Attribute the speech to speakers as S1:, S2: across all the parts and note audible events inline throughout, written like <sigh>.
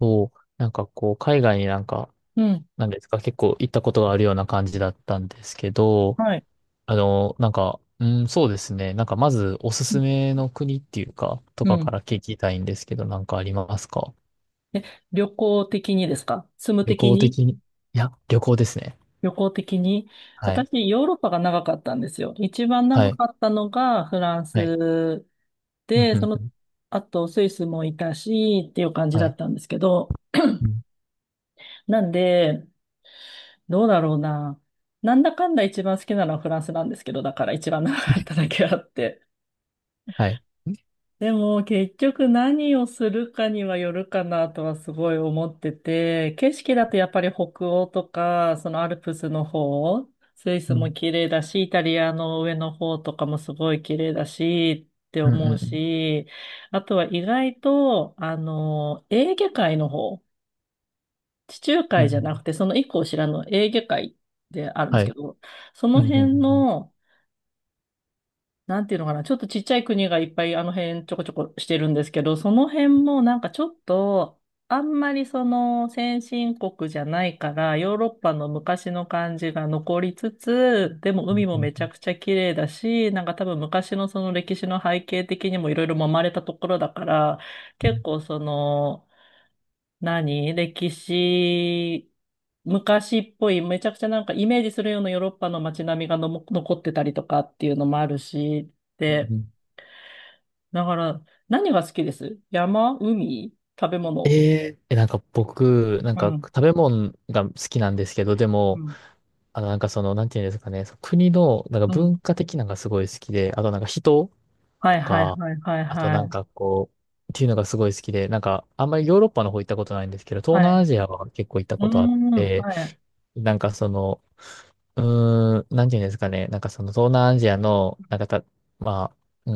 S1: そう、なんかこう、海外になんか、
S2: うん。
S1: なんですか、結構行ったことがあるような感じだったんですけど、
S2: はい。
S1: なんか、うん、そうですね。なんかまずおすすめの国っていうか、と
S2: う
S1: かか
S2: ん。
S1: ら聞きたいんですけど、なんかありますか？
S2: え、旅行的にですか住む
S1: 旅
S2: 的
S1: 行
S2: に
S1: 的に。いや、旅行ですね。
S2: 旅行的に
S1: はい。
S2: 私、ヨーロッパが長かったんですよ。一番
S1: は
S2: 長
S1: い。
S2: かったのがフラン
S1: はい。
S2: ス
S1: うん、
S2: で、
S1: う
S2: そ
S1: ん、う
S2: の、
S1: ん。
S2: あとスイスもいたし、っていう感じ
S1: は
S2: だ
S1: い。
S2: ったんですけど、
S1: うん、
S2: なんで、どうだろうな。なんだかんだ一番好きなのはフランスなんですけど、だから一番長かっただけあって。
S1: はい。
S2: でも結局何をするかにはよるかなとはすごい思ってて、景色だとやっぱり北欧とか、そのアルプスの方、スイ
S1: う
S2: スも
S1: ん、
S2: 綺麗だし、イタリアの上の方とかもすごい綺麗だしって
S1: うん、
S2: 思
S1: う
S2: う
S1: ん。
S2: し、あとは意外と、エーゲ海の方、地中
S1: う
S2: 海じゃ
S1: ん、
S2: なくてその一個後ろのエーゲ海であるんで
S1: は
S2: すけ
S1: い。
S2: ど、そ
S1: う
S2: の
S1: ん、うん、う
S2: 辺
S1: ん。
S2: のなんていうのかな、ちょっとちっちゃい国がいっぱいあの辺ちょこちょこしてるんですけど、その辺もなんかちょっと、あんまりその先進国じゃないから、ヨーロッパの昔の感じが残りつつ、でも
S1: う
S2: 海
S1: ん、
S2: もめち
S1: う
S2: ゃ
S1: ん、
S2: くちゃ綺麗だし、なんか多分昔のその歴史の背景的にもいろいろ揉まれたところだから、
S1: う
S2: 結
S1: ん。
S2: 構その、何歴史、昔っぽい、めちゃくちゃなんかイメージするようなヨーロッパの街並みがのも残ってたりとかっていうのもあるし、
S1: うん
S2: で、
S1: うん。
S2: だから、何が好きです山、海、食べ物。
S1: なんか僕、なん
S2: う
S1: か
S2: ん、
S1: 食べ物が好きなんですけど、で
S2: う
S1: も、
S2: ん、
S1: なんかその、なんていうんですかね、その国の、なんか
S2: うん。
S1: 文化的なのがすごい好きで、あとなんか人
S2: はい
S1: と
S2: はい
S1: か、
S2: はいはい
S1: あとな
S2: は
S1: ん
S2: い。
S1: かこう、っていうのがすごい好きで、なんかあんまりヨーロッパの方行ったことないんですけど、東
S2: は
S1: 南ア
S2: い。
S1: ジアは結構行った
S2: うー
S1: ことあっ
S2: ん、
S1: て、
S2: はい。
S1: なんかその、なんていうんですかね、なんかその東南アジアの、なんかた、まあ、う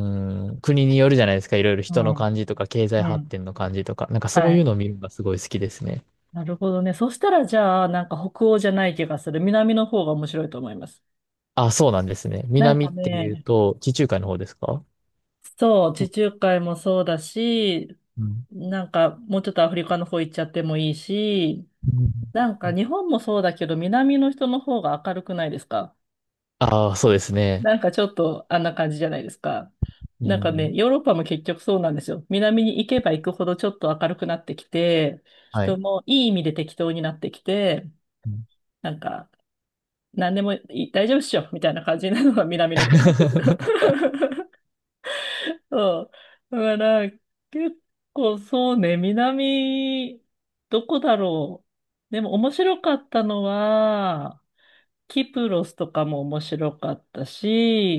S1: ーん、国によるじゃないですか、いろいろ
S2: う
S1: 人の
S2: ん、
S1: 感じとか、経済
S2: う
S1: 発
S2: ん。
S1: 展の感じとか、なんかそ
S2: は
S1: ういう
S2: い。
S1: のを見るのがすごい好きですね。
S2: なるほどね。そしたらじゃあ、なんか北欧じゃない気がする。南の方が面白いと思います。
S1: あ、そうなんですね。
S2: なん
S1: 南
S2: か
S1: っていう
S2: ね、
S1: と、地中海の方ですか？
S2: そう、地中海もそうだし、
S1: うん
S2: なんかもうちょっとアフリカの方行っちゃってもいいし、
S1: うん。
S2: なんか日本もそうだけど、南の人の方が明るくないですか？
S1: ああ、そうですね。
S2: なんかちょっとあんな感じじゃないですか。
S1: う
S2: なんかね、
S1: ん。
S2: ヨーロッパも結局そうなんですよ。南に行けば行くほどちょっと明るくなってきて、
S1: は
S2: 人
S1: い。
S2: もいい意味で適当になってきて、
S1: うん
S2: なんか何でもいい大丈夫っしょみたいな感じなのが南の方なんですよ。
S1: <laughs>。
S2: そう。だから、結構そうね、南、どこだろう。でも面白かったのは、キプロスとかも面白かった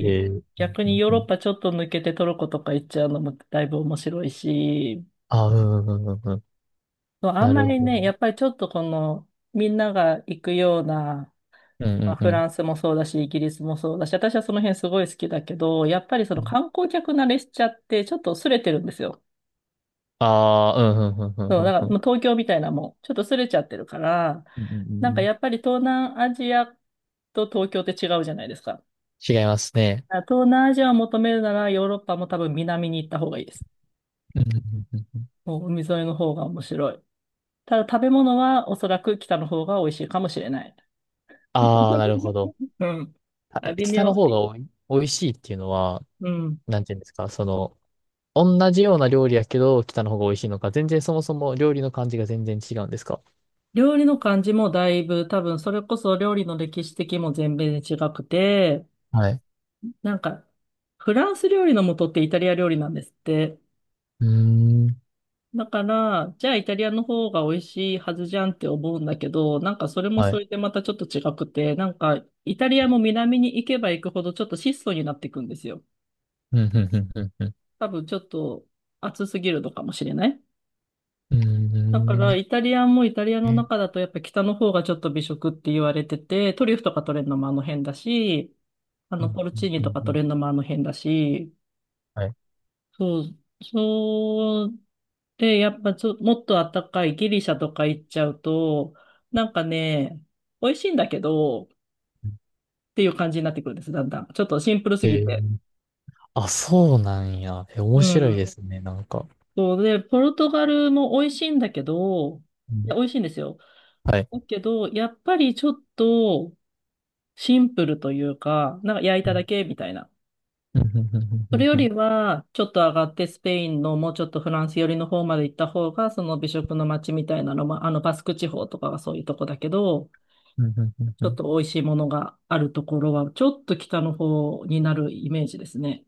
S1: うん
S2: 逆
S1: う
S2: に
S1: ん
S2: ヨー
S1: う
S2: ロッ
S1: ん。
S2: パちょっと抜けてトルコとか行っちゃうのもだいぶ面白いし、
S1: あーうんうんうんうん。
S2: そうあん
S1: な
S2: ま
S1: る
S2: り
S1: ほ
S2: ね、や
S1: ど。
S2: っぱりちょっとこの、みんなが行くような、
S1: うんう
S2: まあ、
S1: んう
S2: フ
S1: ん。
S2: ランスもそうだし、イギリスもそうだし、私はその辺すごい好きだけど、やっぱりそ
S1: う
S2: の
S1: ん。
S2: 観光客慣れしちゃって、ちょっと薄れてるんですよ。
S1: ああ、うん、うんうん
S2: そう、
S1: う
S2: だ
S1: ん
S2: から
S1: う
S2: もう
S1: ん
S2: 東京みたいなもんちょっとすれちゃってるから、
S1: うんうんう
S2: なん
S1: んう
S2: か
S1: ん。
S2: やっぱり東南アジアと東京って違うじゃないですか。だか
S1: 違いますね。
S2: ら東南アジアを求めるならヨーロッパも多分南に行った方がいいです。
S1: うんうんうんうん。
S2: もう海沿いの方が面白い。ただ食べ物はおそらく北の方が美味しいかもしれない。
S1: ああ、なるほど。
S2: <laughs> うん。
S1: あ、
S2: あ、微
S1: 北
S2: 妙。
S1: の方が
S2: び
S1: おい美味しいっていうのは、
S2: うん。
S1: なんていうんですか、その、同じような料理やけど、北の方が美味しいのか、全然そもそも料理の感じが全然違うんですか？
S2: 料理の感じもだいぶ多分それこそ料理の歴史的も全米で違くて、
S1: はい。
S2: なんかフランス料理の元ってイタリア料理なんですって。
S1: うーん。
S2: だから、じゃあイタリアの方が美味しいはずじゃんって思うんだけど、なんかそれも
S1: は
S2: そ
S1: い。
S2: れでまたちょっと違くて、なんかイタリアも南に行けば行くほどちょっと質素になっていくんですよ。
S1: うん、うんうんうんん。
S2: 多分ちょっと暑すぎるのかもしれない。
S1: うー
S2: だから
S1: ん。
S2: イタリアンもイタリア
S1: う
S2: の
S1: ん
S2: 中だとやっぱ北の方がちょっと美食って言われてて、トリュフとか取れるのもあの辺だし、あ
S1: う
S2: の
S1: ん
S2: ポルチーニ
S1: う
S2: と
S1: ん
S2: か
S1: う
S2: 取
S1: ん。
S2: れるのもあの辺だし、
S1: はい。
S2: そう、そうで、やっぱちょ、もっとあったかいギリシャとか行っちゃうと、なんかね、美味しいんだけど、っていう感じになってくるんです、だんだん。ちょっとシンプルす
S1: え
S2: ぎ
S1: ー、
S2: て。
S1: あ、そうなんや。え、面
S2: う
S1: 白いで
S2: ん。
S1: すね、なんか。
S2: そうで、ポルトガルも美味しいんだけど、
S1: う
S2: いや、
S1: ん、
S2: 美味しいんですよ。
S1: はい。
S2: だけど、やっぱりちょっとシンプルというか、なんか焼い
S1: う
S2: た
S1: ん
S2: だけみたいな。
S1: うんう
S2: それ
S1: ん
S2: よ
S1: う
S2: り
S1: ん
S2: は、ちょっと上がってスペインのもうちょっとフランス寄りの方まで行った方が、その美食の街みたいなのも、バスク地方とかはそういうとこだけど、
S1: うんうんうん
S2: ち
S1: う
S2: ょっ
S1: ん
S2: と美味しいものがあるところは、ちょっと北の方になるイメージですね。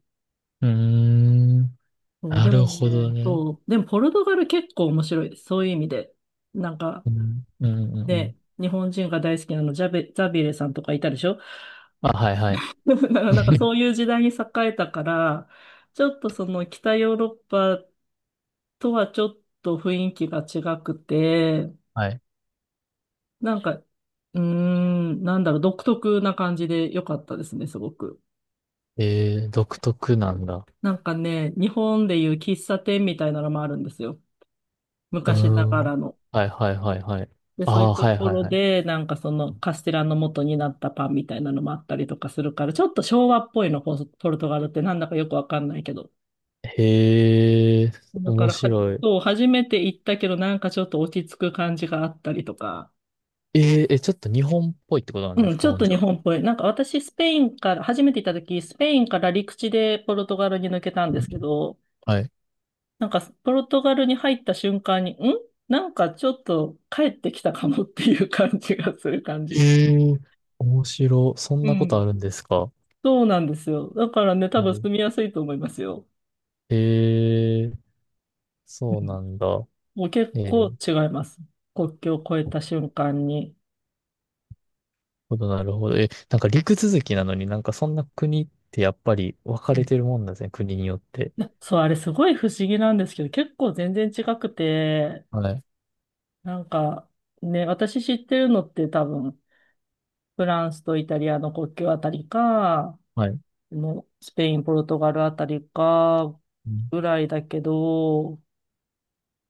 S1: うん。
S2: そう、
S1: な
S2: で
S1: る
S2: も
S1: ほど
S2: ね、
S1: ね。
S2: そう、でもポルトガル結構面白いです。そういう意味で。なんか、
S1: うん、うん、うん、う
S2: で、
S1: ん。
S2: 日本人が大好きなの、ジャベ、ザビエレさんとかいたでしょ？ <laughs>
S1: あ、はいはい。
S2: だから <laughs> なんかそう
S1: <laughs>
S2: いう時代に栄えたから、ちょっとその北ヨーロッパとはちょっと雰囲気が違くて、
S1: はい。
S2: なんか、なんだろう、独特な感じで良かったですね、すごく。
S1: 独特なんだ。
S2: なんかね、日本でいう喫茶店みたいなのもあるんですよ。
S1: うー
S2: 昔な
S1: ん。
S2: がらの。
S1: はいはいはいはい。
S2: で、
S1: あ
S2: そういう
S1: あ、
S2: と
S1: はい
S2: こ
S1: はい
S2: ろ
S1: はい。
S2: で、なんかそのカステラの元になったパンみたいなのもあったりとかするから、ちょっと昭和っぽいの、ポポルトガルってなんだかよくわかんないけど。
S1: へえ、
S2: だか
S1: 面
S2: らはじ、
S1: 白い。
S2: そう、初めて行ったけど、なんかちょっと落ち着く感じがあったりとか。
S1: ちょっと日本っぽいってことなん
S2: う
S1: です
S2: ん、ち
S1: か、
S2: ょっ
S1: ほん
S2: と
S1: じ
S2: 日
S1: ゃ？
S2: 本っぽい。なんか私、スペインから、初めて行った時、スペインから陸地でポルトガルに抜けたんですけど、
S1: はい。
S2: なんかポルトガルに入った瞬間に、んなんかちょっと帰ってきたかもっていう感じがする感じ。
S1: ええ。面白。そん
S2: う
S1: なことあ
S2: ん。
S1: るんですか？
S2: そうなんですよ。だからね、多分住みやすいと思いますよ。
S1: ええ、
S2: う
S1: そう
S2: ん。
S1: なんだ。
S2: もう結
S1: ええ、な
S2: 構
S1: る
S2: 違います。国境を越えた瞬間に。
S1: ほど、なるほど。え、なんか陸続きなのになんかそんな国ってやっぱり分か
S2: う
S1: れ
S2: ん
S1: てるもんなんですね。国によって。
S2: なそう、あれすごい不思議なんですけど、結構全然違くて、
S1: はい。
S2: なんか、ね、私知ってるのって多分、フランスとイタリアの国境あたりか、
S1: はい。
S2: のスペイン、ポルトガルあたりか、
S1: うん。
S2: ぐらいだけど、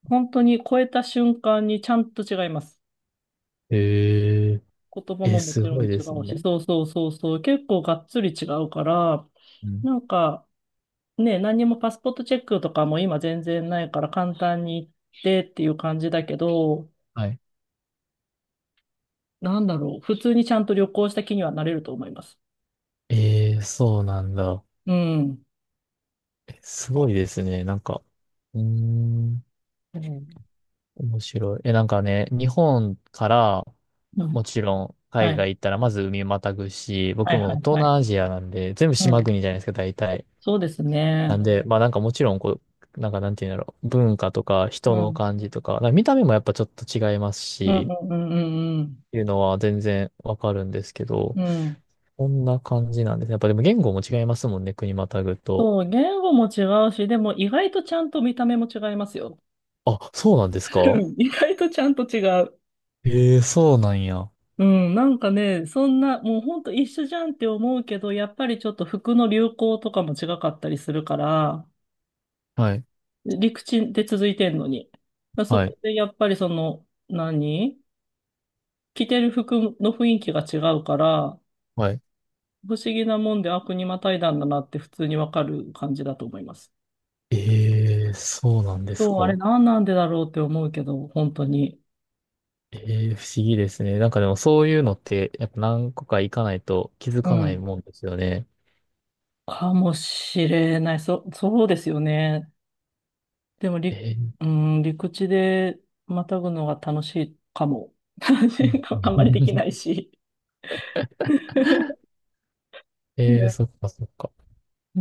S2: 本当に越えた瞬間にちゃんと違います。
S1: え
S2: 言葉
S1: ええ、
S2: もも
S1: す
S2: ちろ
S1: ご
S2: ん違
S1: いです
S2: うし、
S1: ね。
S2: そうそうそうそう、結構がっつり違うから、
S1: うん。
S2: なんかね、何にもパスポートチェックとかも今全然ないから簡単に行ってっていう感じだけど、
S1: はい。
S2: なんだろう、普通にちゃんと旅行した気にはなれると思います。
S1: ええ、そうなんだ。
S2: うん。
S1: え、すごいですね。なんか、うーん。
S2: うん。
S1: 面白い。え、なんかね、日本から
S2: うん
S1: もちろん
S2: は
S1: 海
S2: い。
S1: 外行ったらまず海またぐし、
S2: は
S1: 僕
S2: いは
S1: も
S2: い
S1: 東
S2: はい。
S1: 南アジアなんで、全部
S2: う
S1: 島
S2: ん。
S1: 国じゃないですか、大体。
S2: そうです
S1: なん
S2: ね。
S1: で、まあなんかもちろんこう、なんかなんていうんだろう、文化とか
S2: う
S1: 人の
S2: ん。
S1: 感じとか、なんか見た目もやっぱちょっと違います
S2: うんう
S1: し、
S2: んうんうん
S1: っていうのは全然わかるんですけど、
S2: うん。うん。
S1: こんな感じなんですね。やっぱでも言語も違いますもんね、国またぐと。
S2: そう、言語も違うし、でも意外とちゃんと見た目も違いますよ。
S1: あ、そうなんです
S2: う
S1: か？
S2: ん意外とちゃんと違う。
S1: ええ、そうなんや。
S2: うん、なんかね、そんな、もうほんと一緒じゃんって思うけど、やっぱりちょっと服の流行とかも違かったりするから、
S1: はい、
S2: 陸地で続いてんのに。だそ
S1: はい、
S2: こでやっぱりその、何着てる服の雰囲気が違うから、
S1: はい。
S2: 不思議なもんで、あ、国またいだんだなって普通にわかる感じだと思います。
S1: ええ、そうなんです
S2: そう、あれ
S1: か？
S2: 何なんでだろうって思うけど、本当に。
S1: ええ、不思議ですね。なんかでもそういうのって、やっぱ何個か行かないと気づ
S2: う
S1: かない
S2: ん。
S1: もんですよね。
S2: かもしれない。そ、そうですよね。でも、り、
S1: ええ、
S2: うん、陸地でまたぐのが楽しいかも。<laughs> 楽し
S1: うん
S2: いかもあんまりできない
S1: <laughs>
S2: し。
S1: ええ、
S2: ね
S1: そっかそっか。
S2: う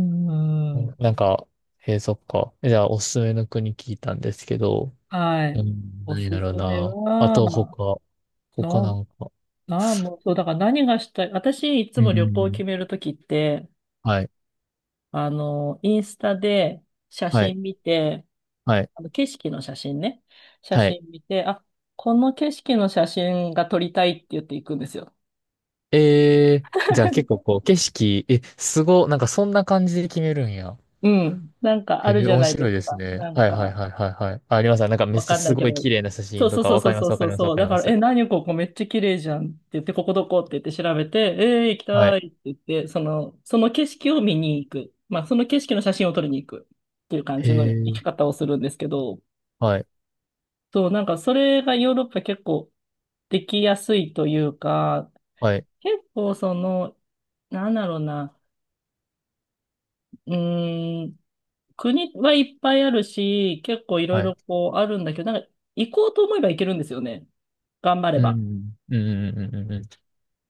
S1: う
S2: ん。
S1: ん。なんか、ええ、そっか。じゃあ、おすすめの国聞いたんですけど、
S2: は
S1: う
S2: い。
S1: ん、
S2: おす
S1: 何だろう
S2: すめ
S1: な。あ
S2: は、
S1: と、他な
S2: の、
S1: んか。
S2: なあ、もう、そう、だから何がしたい。私、いつ
S1: う
S2: も旅行を決
S1: ん。
S2: めるときって、
S1: はい、
S2: インスタで写
S1: はい、
S2: 真見て、
S1: はい、
S2: あの景色の写真ね。写
S1: はい。
S2: 真見て、あ、この景色の写真が撮りたいって言っていくんですよ。
S1: ええ、じゃあ結構
S2: <laughs>
S1: こう、景色、え、すご、なんかそんな感じで決めるんや。
S2: うん。なんか
S1: へ
S2: ある
S1: え、
S2: じゃ
S1: 面
S2: ないで
S1: 白
S2: す
S1: いです
S2: か。
S1: ね。
S2: なん
S1: はいはい
S2: か、
S1: はいはいはい。あ、あります。なんかめっ
S2: わ
S1: ちゃ
S2: かんな
S1: す
S2: いけ
S1: ごい
S2: ど。
S1: 綺麗な写
S2: そ
S1: 真
S2: う
S1: と
S2: そう
S1: か、
S2: そう
S1: わ
S2: そ
S1: か
S2: う
S1: りま
S2: そう
S1: すわか
S2: そう
S1: りますわ
S2: そう。
S1: かり
S2: だ
S1: ま
S2: から、え、
S1: す。
S2: 何ここめっちゃ綺麗じゃんって言って、ここどこって言って調べて、行き
S1: は
S2: た
S1: い。
S2: いって言って、その、その景色を見に行く。まあ、その景色の写真を撮りに行くっていう感
S1: へ
S2: じの行
S1: え、
S2: き方をするんですけど、
S1: はい、
S2: そう、なんかそれがヨーロッパ結構できやすいというか、
S1: はい、
S2: 結構その、なんだろうな、うーん、国はいっぱいあるし、結構いろい
S1: はい。
S2: ろこうあるんだけど、なんか行こうと思えば行けるんですよね。頑張れ
S1: う
S2: ば。
S1: ん、うん、うん、うん、うん、うん。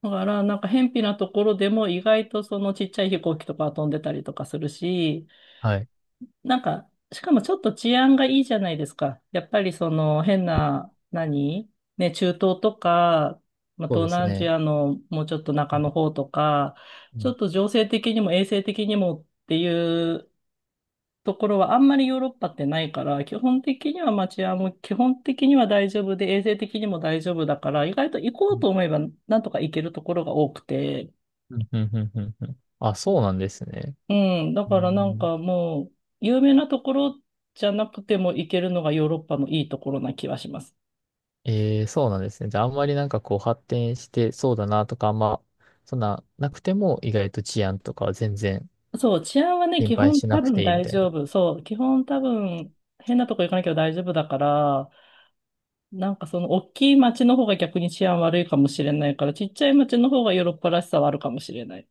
S2: だから、なんか、辺鄙なところでも意外とそのちっちゃい飛行機とか飛んでたりとかするし、
S1: はい。
S2: なんか、しかもちょっと治安がいいじゃないですか。やっぱりその変な、何ね、中東とか、まあ、
S1: そう
S2: 東
S1: です
S2: 南アジ
S1: ね。
S2: アのもうちょっと
S1: う
S2: 中
S1: ん、
S2: の方とか、
S1: う
S2: ちょっ
S1: ん、
S2: と情勢的にも衛生的にもっていうところはあんまりヨーロッパってないから、基本的にはまあ治安も基本的には大丈夫で、衛生的にも大丈夫だから、意外と行こうと思
S1: う
S2: えばなんとか行けるところが多くて、
S1: ん、うん、うん。うん。あ、そうなんですね。
S2: うん、だ
S1: う
S2: からなん
S1: ん、
S2: かもう、有名なところじゃなくても行けるのがヨーロッパのいいところな気はします。
S1: そうなんですね。じゃあ、あんまりなんかこう発展してそうだなとか、あんま、そんななくても、意外と治安とかは全然
S2: そう、治安はね、
S1: 心
S2: 基
S1: 配
S2: 本
S1: し
S2: 多
S1: なく
S2: 分
S1: ていいみ
S2: 大
S1: たい
S2: 丈
S1: な。
S2: 夫。そう、基本多分変なとこ行かなきゃ大丈夫だから、なんかその大きい街の方が逆に治安悪いかもしれないから、ちっちゃい街の方がヨーロッパらしさはあるかもしれない。